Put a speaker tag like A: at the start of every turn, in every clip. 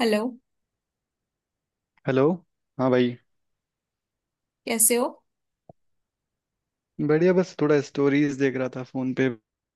A: Hello.
B: Hello. हाँ भाई।
A: कैसे हो?
B: बढ़िया, बस थोड़ा स्टोरीज देख रहा था फोन पे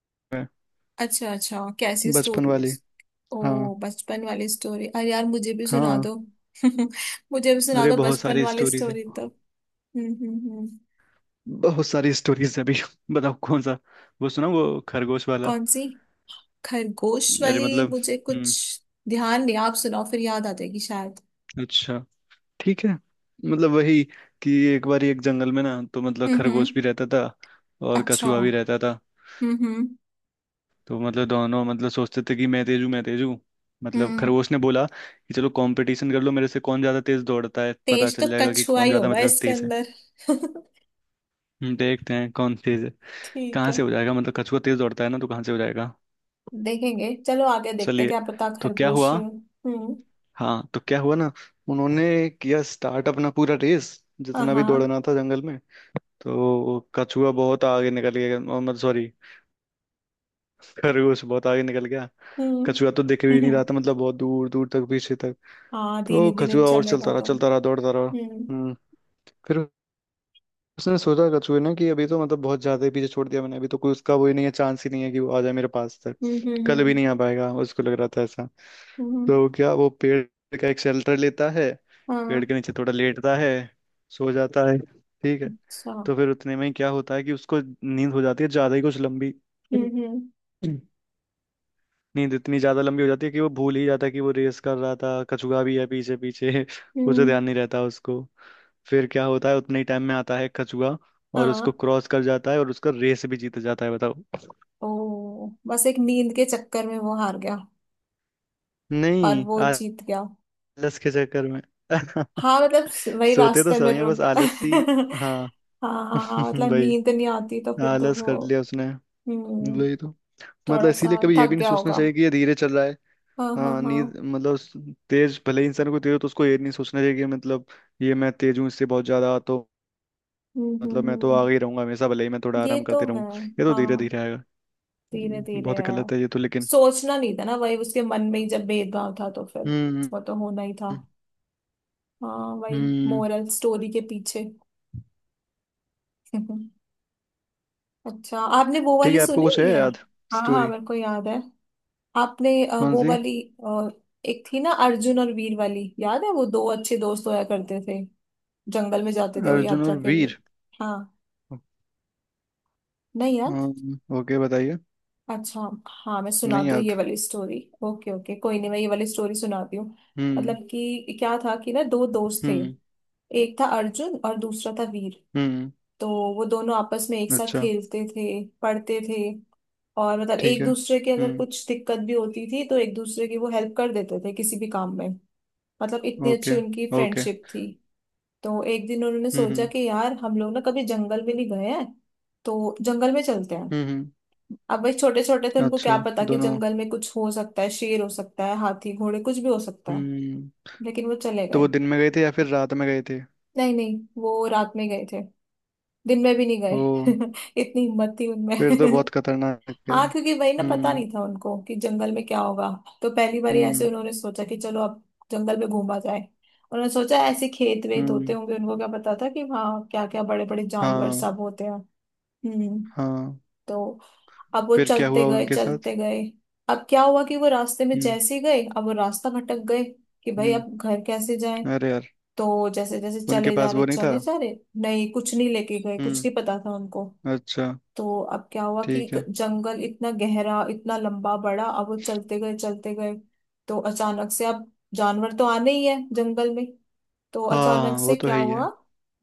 B: मैं।
A: अच्छा अच्छा, कैसी
B: बचपन वाली।
A: स्टोरीज?
B: हाँ,
A: ओ बचपन वाली स्टोरी! अरे यार मुझे भी सुना
B: हाँ।
A: दो। मुझे भी सुना
B: अरे,
A: दो
B: बहुत
A: बचपन
B: सारी
A: वाली
B: स्टोरीज है।
A: स्टोरी तो। हम्म, हम्म, हम्म।
B: बहुत सारी स्टोरीज है अभी। बताओ कौन सा। वो सुना, वो खरगोश वाला।
A: कौन सी? खरगोश
B: अरे,
A: वाली
B: मतलब
A: मुझे कुछ
B: हम्म।
A: ध्यान नहीं। आप सुनाओ, फिर याद आ जाएगी शायद।
B: अच्छा, ठीक है। मतलब वही, कि एक बार एक जंगल में ना, तो मतलब
A: हम्म, हम्म।
B: खरगोश भी रहता था और
A: अच्छा।
B: कछुआ भी
A: हम्म,
B: रहता था।
A: हम्म,
B: तो मतलब दोनों मतलब सोचते थे कि मैं तेज हूँ, मैं तेज हूँ। मतलब
A: हम्म।
B: खरगोश ने बोला कि चलो कंपटीशन कर लो मेरे से, कौन ज्यादा तेज दौड़ता है पता
A: तेज तो
B: चल जाएगा कि
A: कछुआ
B: कौन
A: ही
B: ज्यादा
A: होगा
B: मतलब
A: इसके
B: तेज है।
A: अंदर।
B: हम देखते हैं कौन तेज है।
A: ठीक
B: कहाँ
A: है।
B: से हो जाएगा, मतलब कछुआ तेज दौड़ता है ना, तो कहाँ से हो जाएगा।
A: देखेंगे, चलो आगे देखते हैं,
B: चलिए,
A: क्या पता
B: तो क्या
A: खरगोश
B: हुआ।
A: ही हो। हम्म।
B: हाँ, तो क्या हुआ ना। उन्होंने किया स्टार्ट अपना पूरा रेस,
A: हाँ
B: जितना भी
A: हाँ।
B: दौड़ना था जंगल में। तो कछुआ बहुत आगे निकल गया और मतलब सॉरी, खरगोश बहुत आगे निकल गया। कछुआ तो दिख भी
A: हम्म।
B: नहीं रहा था, मतलब बहुत दूर दूर तक पीछे तक।
A: हाँ, धीरे
B: तो
A: धीरे
B: कछुआ और
A: चलेगा
B: चलता रहा,
A: तो।
B: चलता रहा, दौड़ता रहा।
A: हम्म,
B: हम्म। फिर उसने सोचा, कछुए ने, कि अभी तो मतलब बहुत ज्यादा ही पीछे छोड़ दिया मैंने, अभी तो कोई उसका वो ही नहीं है, चांस ही नहीं है कि वो आ जाए मेरे पास तक।
A: हम्म,
B: कल भी
A: हम्म,
B: नहीं आ पाएगा, उसको लग रहा था ऐसा।
A: हम्म, हम्म।
B: तो क्या, वो पेड़ का एक शेल्टर लेता है। पेड़
A: हाँ।
B: के नीचे थोड़ा लेटता है, सो जाता है, ठीक है।
A: अच्छा। हम्म,
B: तो फिर उतने में ही क्या होता है कि उसको नींद हो जाती है, ज्यादा ही कुछ लंबी।
A: हम्म,
B: नींद इतनी ज्यादा लंबी हो जाती है कि वो भूल ही जाता है कि वो रेस कर रहा था, कछुआ भी है पीछे पीछे। कुछ तो
A: हम्म,
B: ध्यान नहीं रहता उसको। फिर क्या होता है, उतने ही टाइम में आता है कछुआ और उसको
A: हाँ।
B: क्रॉस कर जाता है, और उसका रेस भी जीत जाता है, बताओ।
A: ओ, बस एक नींद के चक्कर में वो हार गया और
B: नहीं,
A: वो
B: आलस
A: जीत गया।
B: के चक्कर में।
A: हाँ मतलब वही
B: सोते तो
A: रास्ते में
B: सही है,
A: रुक
B: बस
A: गया।
B: आलस ही। हाँ।
A: हाँ हाँ हाँ, मतलब
B: भाई,
A: नींद नहीं आती तो फिर तो
B: आलस कर
A: वो।
B: लिया उसने।
A: हम्म।
B: वही तो। मतलब
A: थोड़ा सा
B: इसीलिए कभी ये
A: थक
B: भी नहीं
A: गया
B: सोचना
A: होगा।
B: चाहिए कि ये धीरे चल रहा है।
A: हाँ हाँ
B: हाँ,
A: हाँ।
B: नींद मतलब तेज भले ही इंसान को, तेज हो तो उसको ये नहीं सोचना चाहिए कि मतलब ये मैं तेज हूँ इससे बहुत ज्यादा, तो
A: हम्म, हम्म,
B: मतलब मैं तो
A: हम्म।
B: आगे ही रहूंगा हमेशा, भले ही मैं थोड़ा
A: ये
B: आराम
A: तो
B: करते रहूँ।
A: है।
B: ये तो
A: हाँ।
B: धीरे धीरे आएगा।
A: धीरे धीरे
B: बहुत
A: है।
B: गलत है ये तो लेकिन।
A: सोचना नहीं था ना, वही उसके मन में ही जब भेदभाव था तो फिर
B: हम्म।
A: वो तो होना ही था। हाँ, वही
B: हम्म।
A: मोरल स्टोरी के पीछे। अच्छा, आपने वो
B: ठीक
A: वाली
B: है, आपको
A: सुनी
B: कुछ है
A: हुई है?
B: याद
A: हाँ हाँ,
B: स्टोरी।
A: मेरे को याद है। आपने
B: कौन
A: वो
B: सी।
A: वाली। अ, एक थी ना, अर्जुन और वीर वाली याद है? वो दो अच्छे दोस्त होया करते थे। जंगल में जाते थे वो
B: अर्जुन
A: यात्रा
B: और
A: के लिए।
B: वीर।
A: हाँ। नहीं यार।
B: ओके, बताइए।
A: अच्छा हाँ, मैं
B: नहीं
A: सुनाती हूँ
B: याद।
A: ये वाली स्टोरी। ओके ओके, कोई नहीं, मैं ये वाली स्टोरी सुनाती हूँ। मतलब
B: हम्म।
A: कि क्या था कि ना, दो दोस्त थे।
B: हम्म।
A: एक था अर्जुन और दूसरा था वीर।
B: हम्म।
A: तो वो दोनों आपस में एक साथ
B: अच्छा।
A: खेलते थे, पढ़ते थे। और मतलब
B: ठीक
A: एक
B: है।
A: दूसरे के अगर
B: हम्म।
A: कुछ दिक्कत भी होती थी तो एक दूसरे की वो हेल्प कर देते थे किसी भी काम में। मतलब इतनी अच्छी
B: ओके,
A: उनकी
B: ओके।
A: फ्रेंडशिप थी। तो एक दिन उन्होंने सोचा
B: हम्म।
A: कि यार हम लोग ना कभी जंगल भी नहीं गए हैं, तो जंगल में चलते हैं।
B: हम्म। हम्म।
A: अब भाई छोटे छोटे थे, उनको क्या
B: अच्छा
A: पता कि
B: दोनों।
A: जंगल में कुछ हो सकता है, शेर हो सकता है, हाथी घोड़े कुछ भी हो सकता है।
B: हम्म।
A: लेकिन वो चले
B: तो
A: गए।
B: वो दिन में गए थे या फिर रात में गए थे?
A: नहीं नहीं, वो रात में गए थे, दिन में भी नहीं गए।
B: ओ,
A: इतनी हिम्मत थी उनमें।
B: फिर तो बहुत खतरनाक है।
A: हाँ, क्योंकि वही ना, पता
B: हम्म।
A: नहीं था उनको कि जंगल में क्या होगा। तो पहली बार ऐसे
B: हम्म।
A: उन्होंने सोचा कि चलो अब जंगल में घूमा जाए। उन्होंने सोचा ऐसे खेत वेत होते
B: हम्म।
A: होंगे, उनको क्या पता था कि वहाँ क्या क्या बड़े बड़े जानवर
B: हाँ,
A: सब होते हैं। हम्म।
B: हाँ।
A: तो अब वो
B: फिर क्या
A: चलते
B: हुआ
A: गए
B: उनके साथ?
A: चलते गए। अब क्या हुआ कि वो रास्ते में
B: हम्म।
A: जैसे ही गए, अब वो रास्ता भटक गए कि भाई अब
B: हम्म।
A: घर कैसे जाएं।
B: अरे यार,
A: तो जैसे जैसे
B: उनके
A: चले जा
B: पास
A: रहे
B: वो नहीं था।
A: चले जा रहे। नहीं, कुछ नहीं लेके गए, कुछ
B: हम्म।
A: नहीं पता था उनको।
B: अच्छा।
A: तो अब क्या हुआ कि
B: ठीक
A: एक
B: है।
A: जंगल इतना गहरा, इतना लंबा बड़ा, अब वो चलते गए चलते गए। तो अचानक से, अब जानवर तो आने ही है जंगल में। तो अचानक
B: हाँ, वो
A: से
B: तो
A: क्या
B: है ही
A: हुआ।
B: है।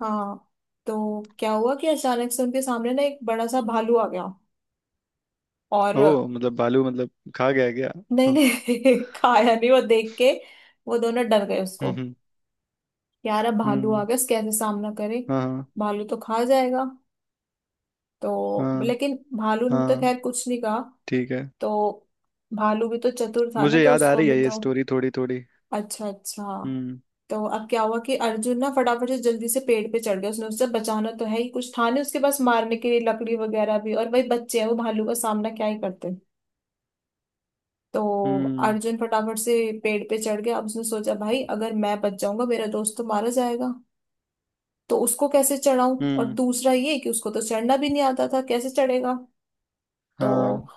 A: हाँ, तो क्या हुआ कि अचानक से उनके सामने ना एक बड़ा सा भालू आ गया। और
B: ओ मतलब बालू, मतलब खा गया क्या?
A: नहीं
B: हम्म।
A: नहीं, खाया नहीं, वो देख के वो दोनों डर गए
B: हम्म।
A: उसको।
B: हम्म।
A: यार, अब भालू आ
B: हम्म।
A: गया, इसके कैसे सामना करें।
B: हाँ,
A: भालू तो खा जाएगा।
B: हाँ,
A: तो
B: हाँ।
A: लेकिन भालू ने तो
B: हाँ,
A: खैर कुछ नहीं कहा।
B: ठीक है।
A: तो भालू भी तो चतुर था ना,
B: मुझे
A: तो
B: याद आ
A: उसको
B: रही
A: भी
B: है ये
A: तो।
B: स्टोरी थोड़ी थोड़ी।
A: अच्छा अच्छा।
B: हम्म।
A: तो अब क्या हुआ कि अर्जुन ना फटाफट से, जल्दी से पेड़ पे चढ़ गया। उसने उससे बचाना तो है ही, कुछ था नहीं उसके पास मारने के लिए, लकड़ी वगैरह भी, और भाई बच्चे हैं, वो भालू का सामना क्या ही करते। तो
B: हम्म।
A: अर्जुन फटाफट से पेड़ पे चढ़ गया। अब उसने सोचा, भाई अगर मैं बच जाऊंगा, मेरा दोस्त तो मारा जाएगा। तो उसको कैसे चढ़ाऊं? और
B: हम्म।
A: दूसरा ये कि उसको तो चढ़ना भी नहीं आता था, कैसे चढ़ेगा? तो
B: हाँ,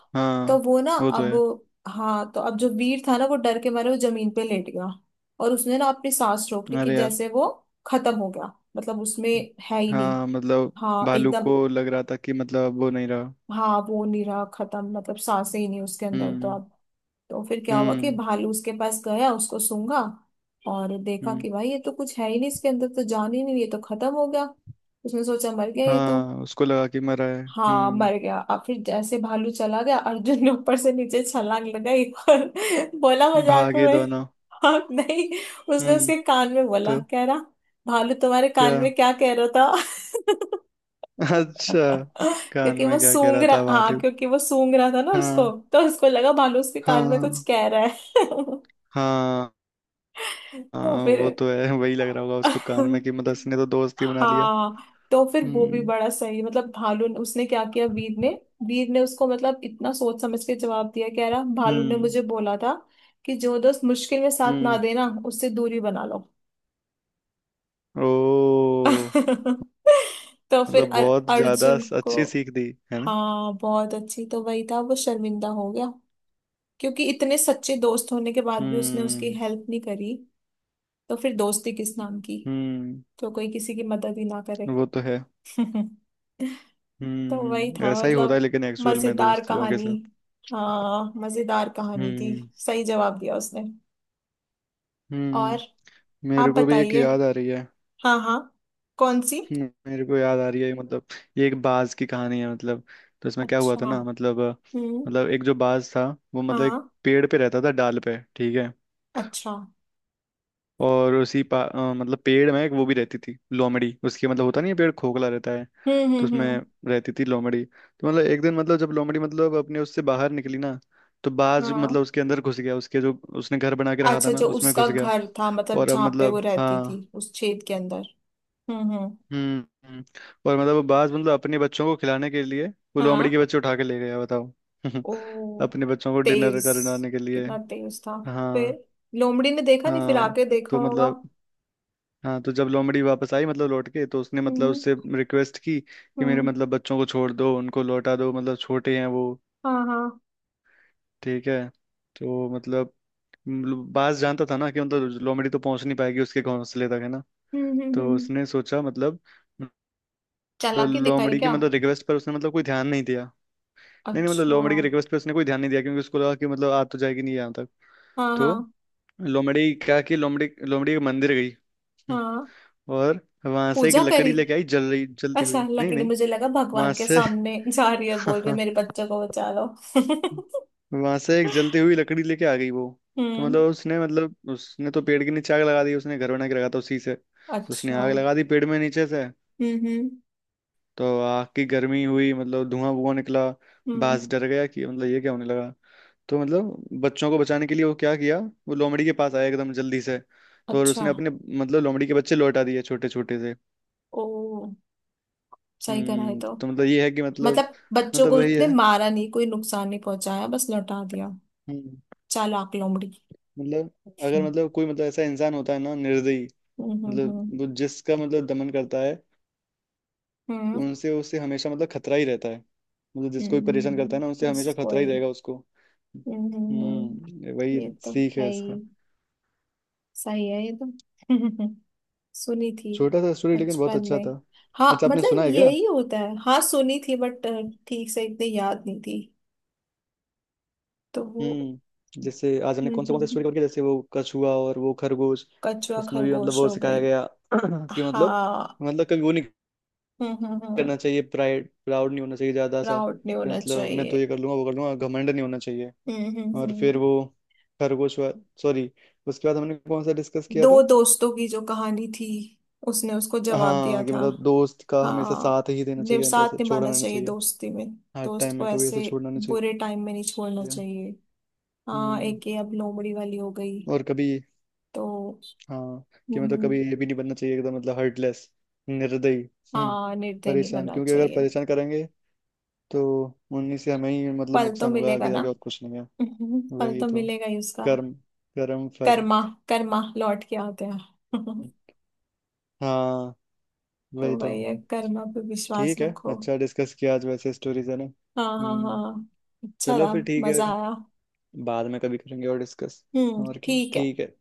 A: तो
B: हाँ,
A: वो ना
B: वो तो
A: अब,
B: है।
A: हाँ, तो अब जो वीर था ना, वो डर के मारे वो जमीन पे लेट गया। और उसने ना अपनी सांस रोक ली कि
B: अरे यार।
A: जैसे वो खत्म हो गया, मतलब उसमें है ही नहीं।
B: हाँ, मतलब
A: हाँ
B: भालू
A: एकदम।
B: को लग रहा था कि मतलब अब वो नहीं रहा।
A: हाँ, वो नहीं रहा, खत्म, मतलब सांसें ही नहीं उसके अंदर तो
B: हम्म।
A: अब। तो फिर क्या हुआ कि
B: हम्म।
A: भालू उसके पास गया, उसको सूंघा, और देखा
B: हम्म।
A: कि भाई, ये तो कुछ है ही नहीं, इसके अंदर तो जान ही नहीं, ये तो खत्म हो गया। उसने सोचा मर गया ये तो।
B: हाँ, उसको लगा कि मरा है,
A: हाँ,
B: हम्म।
A: मर गया। और फिर जैसे भालू चला गया, अर्जुन ने ऊपर से नीचे छलांग लगाई। और बोला मजाक
B: भागे
A: में।
B: दोनों।
A: हाँ नहीं, उसने
B: हम्म।
A: उसके कान में बोला,
B: तो
A: कह रहा भालू तुम्हारे
B: क्या?
A: कान में क्या कह रहा था।
B: अच्छा, कान
A: क्योंकि वो
B: में क्या कह
A: सूंघ
B: रहा था
A: रहा, हाँ
B: भालू?
A: क्योंकि वो सूंघ रहा था ना उसको,
B: हाँ,
A: तो उसको लगा भालू उसके
B: हाँ,
A: कान में कुछ
B: हाँ,
A: कह रहा है।
B: हाँ।
A: तो
B: हाँ,
A: फिर,
B: वो तो है, वही लग रहा होगा उसको कान में कि मतलब इसने तो दोस्ती बना लिया।
A: हाँ, तो फिर वो भी
B: हम्म।
A: बड़ा सही, मतलब भालू ने, उसने क्या किया, वीर ने। वीर ने उसको मतलब इतना सोच समझ के जवाब दिया, कह रहा भालू ने
B: हम्म।
A: मुझे बोला था कि जो दोस्त मुश्किल में साथ ना
B: हम्म।
A: देना, उससे दूरी बना लो।
B: ओ,
A: तो फिर
B: मतलब बहुत ज्यादा
A: अर्जुन को,
B: अच्छी सीख दी, है ना।
A: हाँ बहुत अच्छी, तो वही था, वो शर्मिंदा हो गया। क्योंकि इतने सच्चे दोस्त होने के बाद भी उसने उसकी
B: हम्म।
A: हेल्प नहीं करी। तो फिर दोस्ती किस नाम की?
B: हम्म।
A: तो कोई किसी की मदद ही ना करे।
B: वो तो है।
A: तो वही
B: हम्म,
A: था,
B: ऐसा ही होता है
A: मतलब
B: लेकिन एक्चुअल में
A: मजेदार
B: दोस्त लोगों के
A: कहानी।
B: साथ।
A: हाँ, मजेदार कहानी थी।
B: हम्म।
A: सही जवाब दिया उसने।
B: हम्म।
A: और आप
B: मेरे को भी एक
A: बताइए।
B: याद आ रही है।
A: हाँ हाँ। कौन सी?
B: मेरे को याद आ रही है, मतलब ये एक बाज की कहानी है। मतलब तो इसमें क्या हुआ
A: अच्छा,
B: था ना, मतलब
A: हम्म,
B: मतलब एक जो बाज था, वो मतलब एक
A: हाँ,
B: पेड़ पे रहता था, डाल पे, ठीक है।
A: अच्छा,
B: और उसी मतलब पेड़ में एक वो भी रहती थी, लोमड़ी, उसकी मतलब होता नहीं है, पेड़ खोखला रहता है।
A: हम्म,
B: तो
A: हम्म,
B: उसमें
A: हम्म,
B: रहती थी लोमड़ी। तो मतलब एक दिन, मतलब जब लोमड़ी मतलब अपने उससे बाहर निकली ना, तो बाज मतलब
A: हाँ।
B: उसके अंदर घुस गया, उसके जो उसने घर बना के रखा था
A: अच्छा,
B: ना,
A: जो
B: उसमें
A: उसका
B: घुस गया।
A: घर था, मतलब
B: और अब
A: जहाँ पे वो
B: मतलब
A: रहती थी,
B: हाँ,
A: उस छेद के अंदर। हम्म, हम्म।
B: हम्म। हम्म। और मतलब वो बाज मतलब अपने बच्चों को खिलाने के लिए वो
A: हाँ।
B: लोमड़ी के बच्चे उठा के ले गया, बताओ।
A: ओ,
B: अपने बच्चों को डिनर
A: तेज,
B: करवाने के लिए।
A: कितना तेज था।
B: हाँ,
A: फिर लोमड़ी ने देखा नहीं, फिर
B: हाँ।
A: आके देखा
B: तो
A: होगा।
B: मतलब, हाँ, तो जब लोमड़ी वापस आई, मतलब लौट के, तो उसने मतलब
A: हम्म,
B: उससे रिक्वेस्ट की कि मेरे
A: हम्म,
B: मतलब बच्चों को छोड़ दो, उनको लौटा दो, मतलब छोटे हैं वो।
A: हाँ हाँ,
B: ठीक है। तो मतलब, मतलब बाज जानता था ना कि मतलब लोमड़ी तो पहुंच नहीं पाएगी उसके घोंसले तक, है ना।
A: हम्म, हम्म,
B: तो
A: हम्म।
B: उसने सोचा, मतलब मतलब
A: चालाकी दिखाई
B: लोमड़ी की
A: क्या?
B: मतलब रिक्वेस्ट पर उसने मतलब कोई ध्यान नहीं दिया। नहीं, नहीं, मतलब
A: अच्छा।
B: लोमड़ी की रिक्वेस्ट पर उसने कोई ध्यान नहीं दिया, क्योंकि उसको लगा कि मतलब आ तो जाएगी नहीं यहाँ तक।
A: हाँ
B: तो
A: हाँ
B: लोमड़ी क्या, कि लोमड़ी लोमड़ी के मंदिर गई। हम्म।
A: हाँ।
B: और वहां से एक
A: पूजा
B: लकड़ी
A: करी।
B: लेके आई, जल रही, जलती
A: अच्छा,
B: हुई, नहीं,
A: लकड़ी,
B: नहीं,
A: मुझे लगा
B: वहां
A: भगवान के
B: से
A: सामने जा रही है, बोल रही है मेरे बच्चों को बचा लो।
B: वहां से एक जलती हुई लकड़ी लेके आ गई वो। तो
A: हम्म।
B: मतलब उसने, मतलब उसने तो पेड़ के नीचे आग लगा दी, उसने घर बना के रखा था उसी से।
A: अच्छा,
B: उसने आग
A: हम्म,
B: लगा दी पेड़ में नीचे से।
A: हम्म,
B: तो आग की गर्मी हुई, मतलब धुआं धुआं निकला।
A: हम्म,
B: बाज डर गया कि मतलब ये क्या होने लगा। तो मतलब बच्चों को बचाने के लिए वो क्या किया, वो लोमड़ी के पास आया एकदम जल्दी से। तो और
A: अच्छा।
B: उसने अपने, मतलब लोमड़ी के बच्चे लौटा दिए, छोटे छोटे से।
A: ओ, सही करा है
B: हम्म।
A: तो।
B: तो मतलब ये है कि मतलब,
A: मतलब बच्चों
B: मतलब
A: को
B: वही
A: उसने
B: है।
A: मारा नहीं, कोई नुकसान नहीं पहुंचाया, बस लौटा दिया।
B: हम्म।
A: चालाक लोमड़ी।
B: मतलब अगर
A: हम्म,
B: मतलब कोई, मतलब ऐसा इंसान होता है ना, निर्दयी,
A: हम्म,
B: मतलब
A: हम्म,
B: वो जिसका मतलब दमन करता है,
A: हम्म,
B: उनसे उसे हमेशा मतलब खतरा ही रहता है। मतलब
A: हम्म,
B: जिसको भी परेशान करता है ना,
A: हम्म,
B: उनसे हमेशा
A: बस
B: खतरा ही
A: कोई।
B: रहेगा उसको।
A: हम्म,
B: हम्म, ये वही
A: ये तो
B: सीख
A: है
B: है
A: ही।
B: इसका।
A: सही है ये तो। सुनी थी
B: छोटा सा स्टोरी लेकिन बहुत
A: बचपन
B: अच्छा
A: में।
B: था।
A: हाँ,
B: अच्छा आपने सुना
A: मतलब
B: है क्या?
A: यही होता है। हाँ, सुनी थी बट ठीक से इतनी याद नहीं थी, तो वो।
B: हम्म, जैसे आज हमने
A: हम्म,
B: कौन सा
A: हम्म, हम्म।
B: स्टोरी करके, जैसे वो कछुआ और वो खरगोश,
A: कछुआ
B: उसमें भी मतलब
A: खरगोश
B: वो
A: हो गई।
B: सिखाया गया कि मतलब,
A: हाँ।
B: मतलब कभी वो नहीं
A: हम्म, हम्म,
B: करना चाहिए, प्राइड, प्राउड नहीं होना चाहिए ज्यादा सा,
A: प्राउड नहीं
B: कि
A: होना
B: मतलब मैं तो
A: चाहिए।
B: ये कर लूंगा, वो कर लूंगा, घमंड नहीं होना चाहिए।
A: हम्म,
B: और फिर वो खरगोश वाला, सॉरी, उसके बाद हमने कौन सा डिस्कस किया
A: दो
B: था,
A: दोस्तों की जो कहानी थी, उसने उसको जवाब दिया
B: हाँ, कि
A: था।
B: मतलब दोस्त का हमेशा
A: हाँ।
B: साथ ही देना चाहिए, मतलब ऐसे
A: साथ निभाना
B: छोड़ना नहीं
A: चाहिए
B: चाहिए।
A: दोस्ती में।
B: हर
A: दोस्त
B: टाइम
A: को
B: में कभी ऐसे
A: ऐसे
B: छोड़ना नहीं चाहिए।
A: बुरे टाइम में नहीं छोड़ना चाहिए। हाँ,
B: हम्म।
A: एक ये अब लोमड़ी वाली हो गई
B: और कभी,
A: तो।
B: हाँ, कि मतलब
A: हम्म,
B: कभी ये भी नहीं बनना चाहिए एकदम मतलब हर्टलेस, निर्दयी। हम्म।
A: हाँ, निर्दयी नहीं
B: परेशान,
A: बनना
B: क्योंकि अगर
A: चाहिए।
B: परेशान करेंगे तो उन्हीं से हमें ही मतलब
A: फल तो
B: नुकसान होगा
A: मिलेगा
B: आगे
A: ना।
B: जाके, और कुछ नहीं है।
A: फल
B: वही
A: तो
B: तो,
A: मिलेगा ही उसका।
B: कर्म, कर्म फल।
A: कर्मा, कर्मा लौट के आते हैं।
B: हाँ,
A: तो
B: वही तो।
A: वही है, कर्मा पे विश्वास
B: ठीक है।
A: रखो।
B: अच्छा डिस्कस किया आज वैसे स्टोरीज, है ना,
A: हाँ हाँ
B: हम्म।
A: हाँ, अच्छा
B: चलो,
A: था,
B: फिर ठीक है।
A: मजा आया।
B: बाद में कभी करेंगे और डिस्कस।
A: हम्म,
B: और क्या,
A: ठीक है।
B: ठीक है।